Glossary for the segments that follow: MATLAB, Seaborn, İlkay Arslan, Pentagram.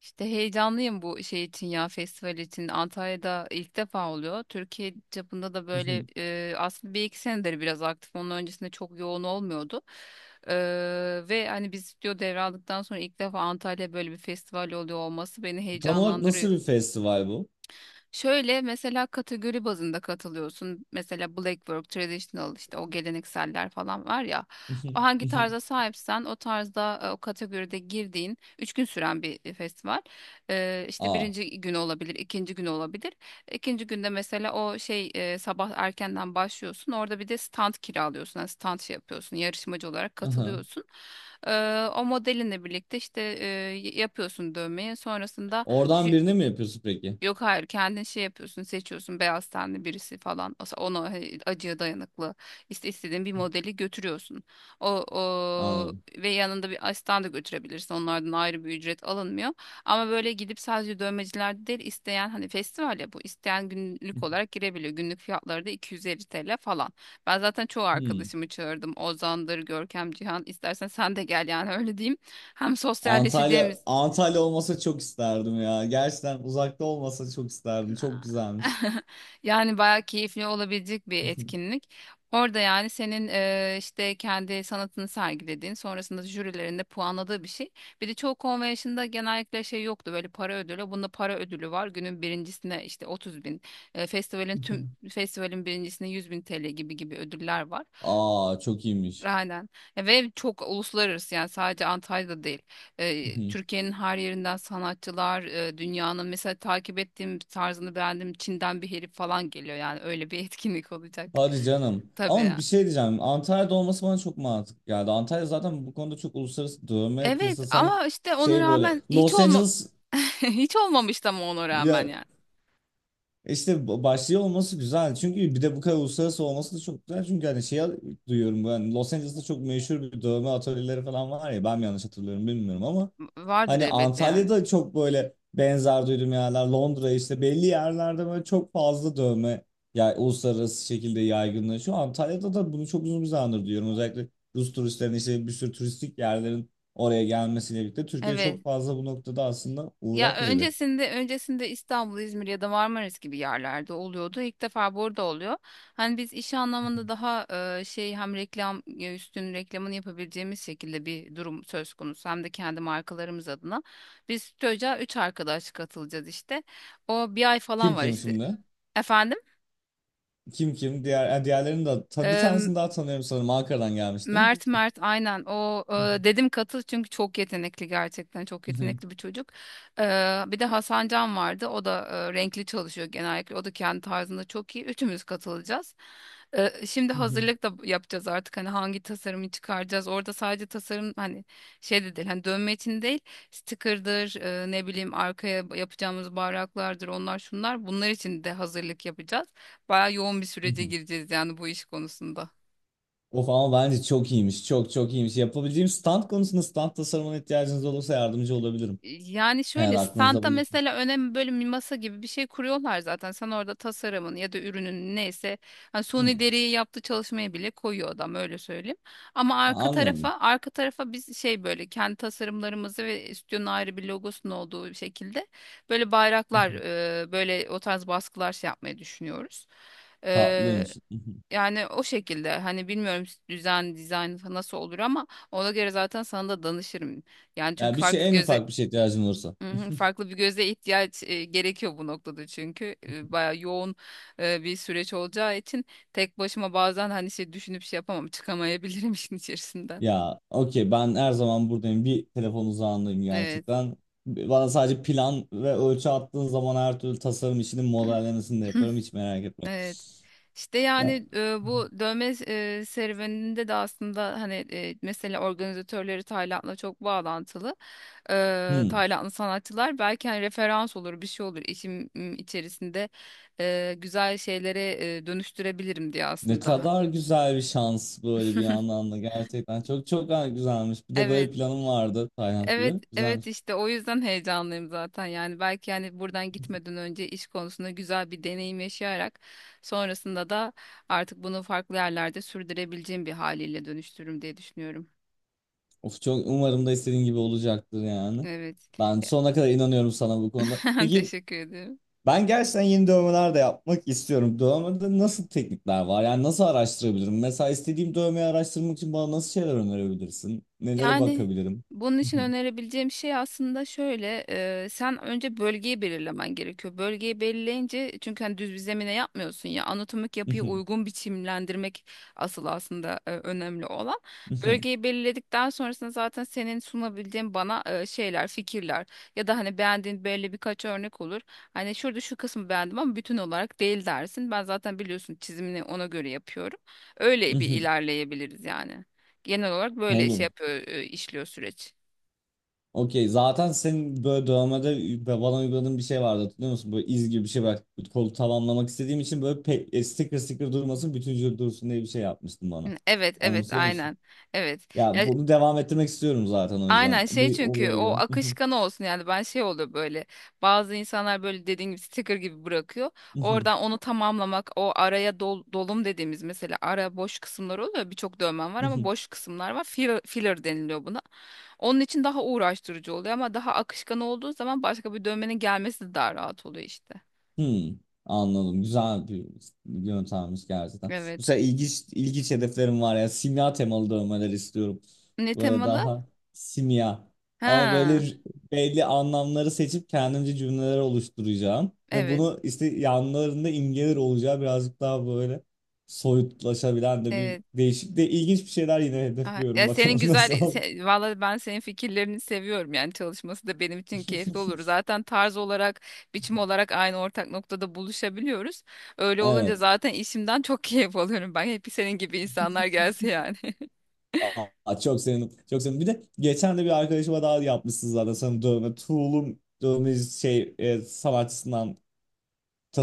İşte heyecanlıyım bu şey için ya festival için. Antalya'da ilk defa oluyor. Türkiye çapında da böyle Mhm. Aslında bir iki senedir biraz aktif. Onun öncesinde çok yoğun olmuyordu. E, ve hani biz stüdyo devraldıktan sonra ilk defa Antalya böyle bir festival oluyor olması beni Tam olarak heyecanlandırıyor. nasıl bir festival bu? Şöyle mesela kategori bazında katılıyorsun. Mesela black work, traditional işte o gelenekseller falan var ya. O Mhm. hangi Mhm. tarza sahipsen o tarzda o kategoride girdiğin 3 gün süren bir festival. İşte Aa. birinci günü olabilir, ikinci günü olabilir. İkinci günde mesela o şey sabah erkenden başlıyorsun. Orada bir de stand kiralıyorsun. Yani stand şey yapıyorsun. Yarışmacı olarak Aha. katılıyorsun. O modelinle birlikte işte yapıyorsun dövmeyi. Sonrasında Oradan birini mi yapıyorsun peki? yok hayır kendin şey yapıyorsun seçiyorsun beyaz tenli birisi falan ona acıya dayanıklı işte istediğin bir modeli götürüyorsun. O Anladım. ve yanında bir asistan da götürebilirsin, onlardan ayrı bir ücret alınmıyor. Ama böyle gidip sadece dövmecilerde değil, isteyen hani festival ya bu, isteyen günlük olarak girebiliyor. Günlük fiyatları da 250 TL falan. Ben zaten çoğu Hmm. arkadaşımı çağırdım, Ozan'dır Görkem Cihan, istersen sen de gel yani, öyle diyeyim. Hem Antalya sosyalleşeceğimiz Antalya olmasa çok isterdim ya. Gerçekten uzakta olmasa çok isterdim. Çok güzelmiş. yani bayağı keyifli olabilecek bir etkinlik. Orada yani senin işte kendi sanatını sergilediğin, sonrasında jürilerinde puanladığı bir şey. Bir de çoğu konvensiyonda genellikle şey yoktu, böyle para ödülü. Bunda para ödülü var. Günün birincisine işte 30 bin, festivalin, tüm festivalin birincisine 100 bin TL gibi gibi ödüller var. Aa, çok iyiymiş. Aynen. Ya ve çok uluslararası, yani sadece Antalya'da değil. Hı. Türkiye'nin her yerinden sanatçılar, dünyanın, mesela takip ettiğim tarzını beğendiğim Çin'den bir herif falan geliyor yani, öyle bir etkinlik olacak. Hadi canım. Tabii. Ama bir şey diyeceğim. Antalya'da olması bana çok mantıklı geldi. Antalya zaten bu konuda çok uluslararası dövme Evet piyasası, hani ama işte ona şey böyle rağmen hiç Los olma Angeles hiç olmamıştı ama ona rağmen ya. yani. E İşte başlıyor olması güzel. Çünkü bir de bu kadar uluslararası olması da çok güzel. Çünkü hani şey, duyuyorum ben Los Angeles'ta çok meşhur bir dövme atölyeleri falan var ya, ben mi yanlış hatırlıyorum bilmiyorum ama Vardır hani elbette yani. Antalya'da çok böyle benzer duydum yerler, Londra, işte belli yerlerde böyle çok fazla dövme ya uluslararası şekilde yaygınlaşıyor. Antalya'da da bunu çok uzun bir zamandır duyuyorum. Özellikle Rus turistlerin işte bir sürü turistik yerlerin oraya gelmesiyle birlikte Türkiye Evet. çok fazla bu noktada aslında Ya uğrak yeri. öncesinde İstanbul, İzmir ya da Marmaris gibi yerlerde oluyordu. İlk defa burada oluyor. Hani biz iş anlamında daha şey, hem reklam, üstün reklamını yapabileceğimiz şekilde bir durum söz konusu, hem de kendi markalarımız adına. Biz TÜC'a 3 arkadaş katılacağız işte. O bir ay falan Kim var kim işte. şimdi? Efendim? Kim kim? Diğer, yani diğerlerini de bir tanesini daha tanıyorum sanırım. Ankara'dan gelmiştim. Mert aynen o, dedim katıl çünkü çok yetenekli, gerçekten çok yetenekli bir çocuk. E, bir de Hasan Can vardı, o da renkli çalışıyor genellikle, o da kendi tarzında çok iyi, üçümüz katılacağız. Şimdi hazırlık da yapacağız artık, hani hangi tasarımı çıkaracağız orada, sadece tasarım hani şey de değil, hani dönme için değil, sticker'dır, ne bileyim arkaya yapacağımız bayraklardır, onlar şunlar bunlar için de hazırlık yapacağız. Baya yoğun bir sürece gireceğiz yani bu iş konusunda. Of, ama bence çok iyiymiş. Çok çok iyiymiş. Yapabileceğim stand konusunda, stand tasarımına ihtiyacınız olursa yardımcı olabilirim. Yani Eğer şöyle, aklınızda standa bulunsun. mesela önemli, böyle bir masa gibi bir şey kuruyorlar zaten. Sen orada tasarımın ya da ürünün neyse, hani suni Hmm. deriyi yaptığı çalışmaya bile koyuyor adam, öyle söyleyeyim. Ama arka Anladım. tarafa arka tarafa biz şey, böyle kendi tasarımlarımızı ve stüdyonun ayrı bir logosunun olduğu bir şekilde böyle Hı bayraklar, hı. Böyle o tarz baskılar şey yapmayı düşünüyoruz. E, Tatlıymış. Hı hı. yani o şekilde, hani bilmiyorum düzen dizayn nasıl olur ama ona göre zaten sana da danışırım. Yani Ya çünkü bir şey, farklı en göze, ufak bir şey ihtiyacın olursa. hı hı, farklı bir göze ihtiyaç, gerekiyor bu noktada, çünkü bayağı yoğun bir süreç olacağı için tek başıma bazen hani şey düşünüp şey yapamam, çıkamayabilirim işin içerisinden. Ya okey, ben her zaman buradayım. Bir telefon uzağındayım Evet. gerçekten. Bana sadece plan ve ölçü attığın zaman her türlü tasarım işinin modellemesini de yaparım. Hiç merak etme. Evet. İşte Ya. yani bu dövme serüveninde de aslında hani mesela organizatörleri Tayland'la çok bağlantılı. Hmm. Taylandlı sanatçılar belki hani referans olur, bir şey olur, işim içerisinde güzel şeylere dönüştürebilirim diye Ne aslında. kadar güzel bir şans böyle, bir yandan da gerçekten çok çok güzelmiş. Bir de böyle Evet, planım vardı Tayland evet, gibi. evet Güzelmiş. işte o yüzden heyecanlıyım zaten. Yani belki yani buradan gitmeden önce iş konusunda güzel bir deneyim yaşayarak, sonrasında da artık bunu farklı yerlerde sürdürebileceğim bir haliyle dönüştürürüm diye düşünüyorum. Of, çok umarım da istediğin gibi olacaktır yani. Evet. Ben sonuna kadar inanıyorum sana bu konuda. Peki, Teşekkür ederim. ben gerçekten yeni dövmeler de yapmak istiyorum. Dövmede nasıl teknikler var? Yani nasıl araştırabilirim? Mesela istediğim dövmeyi araştırmak için bana nasıl şeyler önerebilirsin? Nelere Yani bakabilirim? bunun için önerebileceğim şey aslında şöyle, sen önce bölgeyi belirlemen gerekiyor. Bölgeyi belirleyince, çünkü hani düz bir zemine yapmıyorsun ya, anatomik yapıyı uygun biçimlendirmek asıl aslında önemli olan. Bölgeyi belirledikten sonrasında zaten senin sunabileceğin bana şeyler, fikirler ya da hani beğendiğin böyle birkaç örnek olur. Hani şurada şu kısmı beğendim ama bütün olarak değil dersin. Ben zaten biliyorsun çizimini ona göre yapıyorum. Öyle bir ilerleyebiliriz yani. Genel olarak böyle şey Olur. yapıyor, işliyor süreç. Okey. Zaten senin böyle dövmede bana uyguladığın bir şey vardı, hatırlıyor musun? Böyle iz gibi bir şey var. Kolu tamamlamak istediğim için böyle sticker sticker durmasın, bütün vücut dursun diye bir şey yapmıştın bana. Hı, evet, evet, Anlatıyor musun? aynen. Evet. Ya Ya, bunu devam ettirmek istiyorum zaten o yüzden. aynen şey, Bir çünkü olaya o göre. akışkan olsun yani, ben şey oluyor böyle. Bazı insanlar böyle dediğin gibi sticker gibi bırakıyor. Oradan onu tamamlamak, o araya dolum dediğimiz, mesela ara boş kısımlar oluyor. Birçok dövmem var ama boş kısımlar var. Filler, filler deniliyor buna. Onun için daha uğraştırıcı oluyor ama daha akışkan olduğu zaman başka bir dövmenin gelmesi de daha rahat oluyor işte. Hmm, anladım. Güzel bir yöntemmiş gerçekten. Evet. Bu sefer ilginç, ilginç hedeflerim var ya. Simya temalı dövmeler istiyorum. Ne Böyle temalı? daha simya. Ama böyle Ha, belli anlamları seçip kendimce cümleler oluşturacağım. Ve evet. bunu işte yanlarında imgeler olacağı, birazcık daha böyle soyutlaşabilen de, bir Evet. değişik de ilginç bir şeyler yine Aha, hedefliyorum. ya senin Bakalım nasıl güzel, olur. Valla ben senin fikirlerini seviyorum yani, çalışması da benim için keyifli olur. Zaten tarz olarak, biçim olarak aynı ortak noktada buluşabiliyoruz. Öyle olunca Evet. zaten işimden çok keyif alıyorum ben. Hep senin gibi insanlar gelse yani. Aa, çok sevindim. Çok sevindim. Bir de geçen de bir arkadaşıma daha yapmışsınız zaten sanırım dövme. Tool'un dövme şey, sanatçısından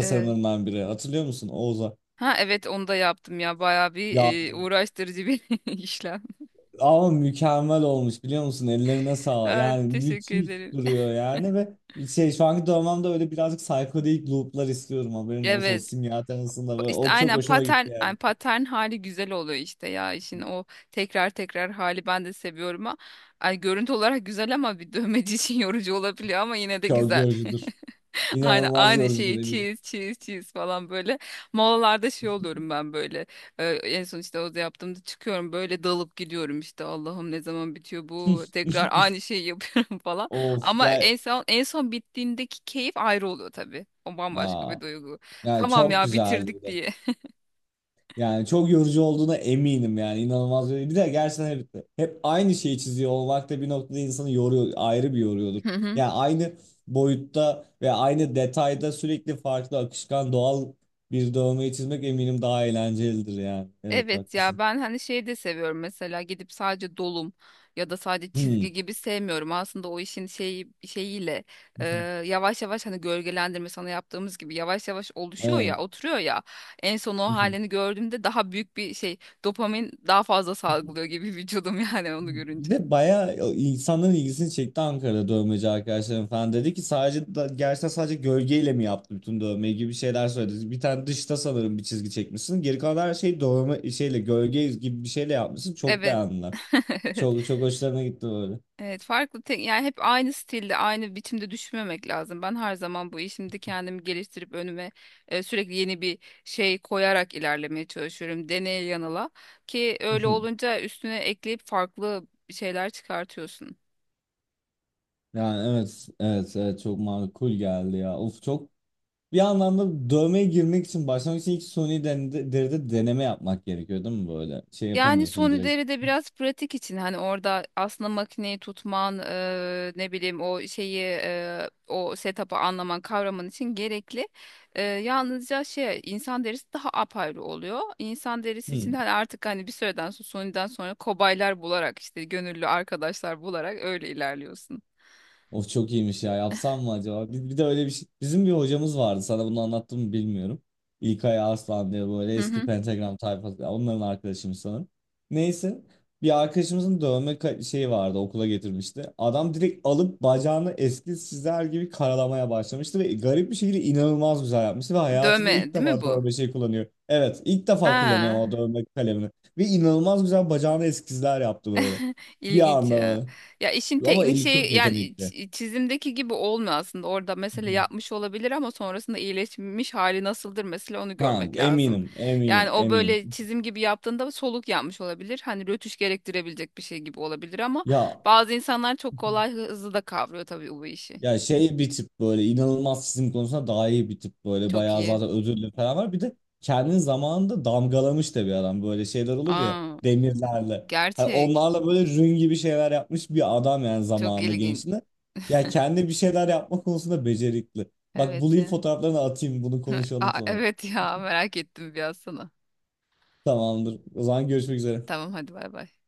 Ee, biri. Hatırlıyor musun, Oğuz'a? ha evet onu da yaptım ya. Bayağı bir, Ya, uğraştırıcı bir işlem. ama mükemmel olmuş biliyor musun? Ellerine sağlık. Aa, Yani teşekkür müthiş ederim. duruyor yani. Ve şey, şu anki dövmemde öyle birazcık psikodelik loop'lar istiyorum, haberin olsun. O Evet. simya temasında böyle. İşte O çok aynen hoşuma patern, gitti yani. yani patern hali güzel oluyor işte ya, işin o tekrar tekrar hali ben de seviyorum ha. Ay görüntü olarak güzel ama bir dövmeci için yorucu olabiliyor ama yine de Çok güzel. yorucudur. Aynı İnanılmaz aynı yorucudur, şeyi eminim. çiz çiz çiz falan böyle. Molalarda şey oluyorum ben böyle. En son işte o da yaptığımda çıkıyorum böyle dalıp gidiyorum işte, Allah'ım ne zaman bitiyor bu, tekrar aynı şeyi yapıyorum falan. Of, Ama gel. en son bittiğindeki keyif ayrı oluyor tabii. O bambaşka Aa, bir duygu. yani Tamam çok ya, bitirdik güzeldi. diye. Yani çok yorucu olduğuna eminim yani, inanılmaz yorucu. Bir de gerçekten hep aynı şeyi çiziyor olmak da bir noktada insanı yoruyor, ayrı bir yoruyordur. Hı hı. Yani aynı boyutta ve aynı detayda sürekli farklı, akışkan, doğal bir dövmeyi çizmek eminim daha eğlencelidir yani. Evet, Evet ya, haklısın. ben hani şeyi de seviyorum mesela, gidip sadece dolum ya da sadece Hmm. çizgi gibi sevmiyorum. Aslında o işin şeyi şeyiyle e, yavaş yavaş hani gölgelendirme sana yaptığımız gibi yavaş yavaş oluşuyor Evet. ya, oturuyor ya, en son o halini gördüğümde daha büyük bir şey, dopamin daha fazla salgılıyor gibi vücudum yani onu Bir görünce. de bayağı insanların ilgisini çekti Ankara'da, dövmeci arkadaşlarım falan. Dedi ki sadece gerçekten sadece gölgeyle mi yaptı bütün dövmeyi, gibi şeyler söyledi. Bir tane dışta sanırım bir çizgi çekmişsin. Geri kalan her şeyi dövme şeyle, gölge gibi bir şeyle yapmışsın. Çok Evet. beğendiler. Çok çok hoşlarına gitti böyle. Evet farklı, tek yani hep aynı stilde aynı biçimde düşünmemek lazım. Ben her zaman bu işimde kendimi geliştirip önüme sürekli yeni bir şey koyarak ilerlemeye çalışıyorum. Deneye yanıla, ki öyle olunca üstüne ekleyip farklı şeyler çıkartıyorsun. Yani evet, evet, evet, çok makul geldi ya. Of, çok bir anlamda dövmeye girmek için, başlamak için ilk suni deride deneme yapmak gerekiyor değil mi böyle? Şey Yani yapamıyorsun son direkt. de biraz pratik için, hani orada aslında makineyi tutman, ne bileyim o şeyi, o setup'ı anlaman kavraman için gerekli. Yalnızca şey, insan derisi daha apayrı oluyor. İnsan derisi için Hı. hani artık, hani bir süreden sonra Sony'den sonra kobaylar bularak, işte gönüllü arkadaşlar bularak öyle ilerliyorsun. Of, çok iyiymiş ya. Yapsam mı acaba? Bir de öyle bir şey. Bizim bir hocamız vardı. Sana bunu anlattım mı bilmiyorum. İlkay Arslan diye, böyle Hı eski hı. Pentagram tayfası. Ya, onların arkadaşıymış sanırım. Neyse. Bir arkadaşımızın dövme şeyi vardı. Okula getirmişti. Adam direkt alıp bacağını eski sizler gibi karalamaya başlamıştı. Ve garip bir şekilde inanılmaz güzel yapmıştı. Ve hayatında Dövme ilk değil mi defa bu? dövme şey kullanıyor. Evet, ilk defa kullanıyor ama, Ha. o dövme kalemini. Ve inanılmaz güzel bacağına eskizler yaptı böyle. Bir İlginç anda ya. böyle. Ya işin Ama teknik eli çok şeyi yani, yetenekli. Çizimdeki gibi olmuyor aslında. Orada Hı mesela hı. yapmış olabilir ama sonrasında iyileşmiş hali nasıldır mesela, onu Ha, görmek lazım. eminim, eminim, Yani o eminim. böyle çizim gibi yaptığında soluk yapmış olabilir. Hani rötuş gerektirebilecek bir şey gibi olabilir ama Ya bazı insanlar çok kolay, hızlı da kavruyor tabii bu işi. ya şey, bir tip böyle inanılmaz çizim konusunda daha iyi, bir tip böyle Çok bayağı iyi. zaten ödüllü falan var. Bir de kendi zamanında damgalamış da bir adam, böyle şeyler olur ya, Aa, demirlerle. Hani gerçek. onlarla böyle rün gibi şeyler yapmış bir adam yani, Çok zamanında, ilginç. gençliğinde. Ya kendi bir şeyler yapma konusunda becerikli. Bak, Evet bulayım ya. fotoğraflarını, atayım, bunu konuşalım Aa, sonra. evet ya, merak ettim biraz sana. Tamamdır. O zaman görüşmek üzere. Tamam hadi bay bay.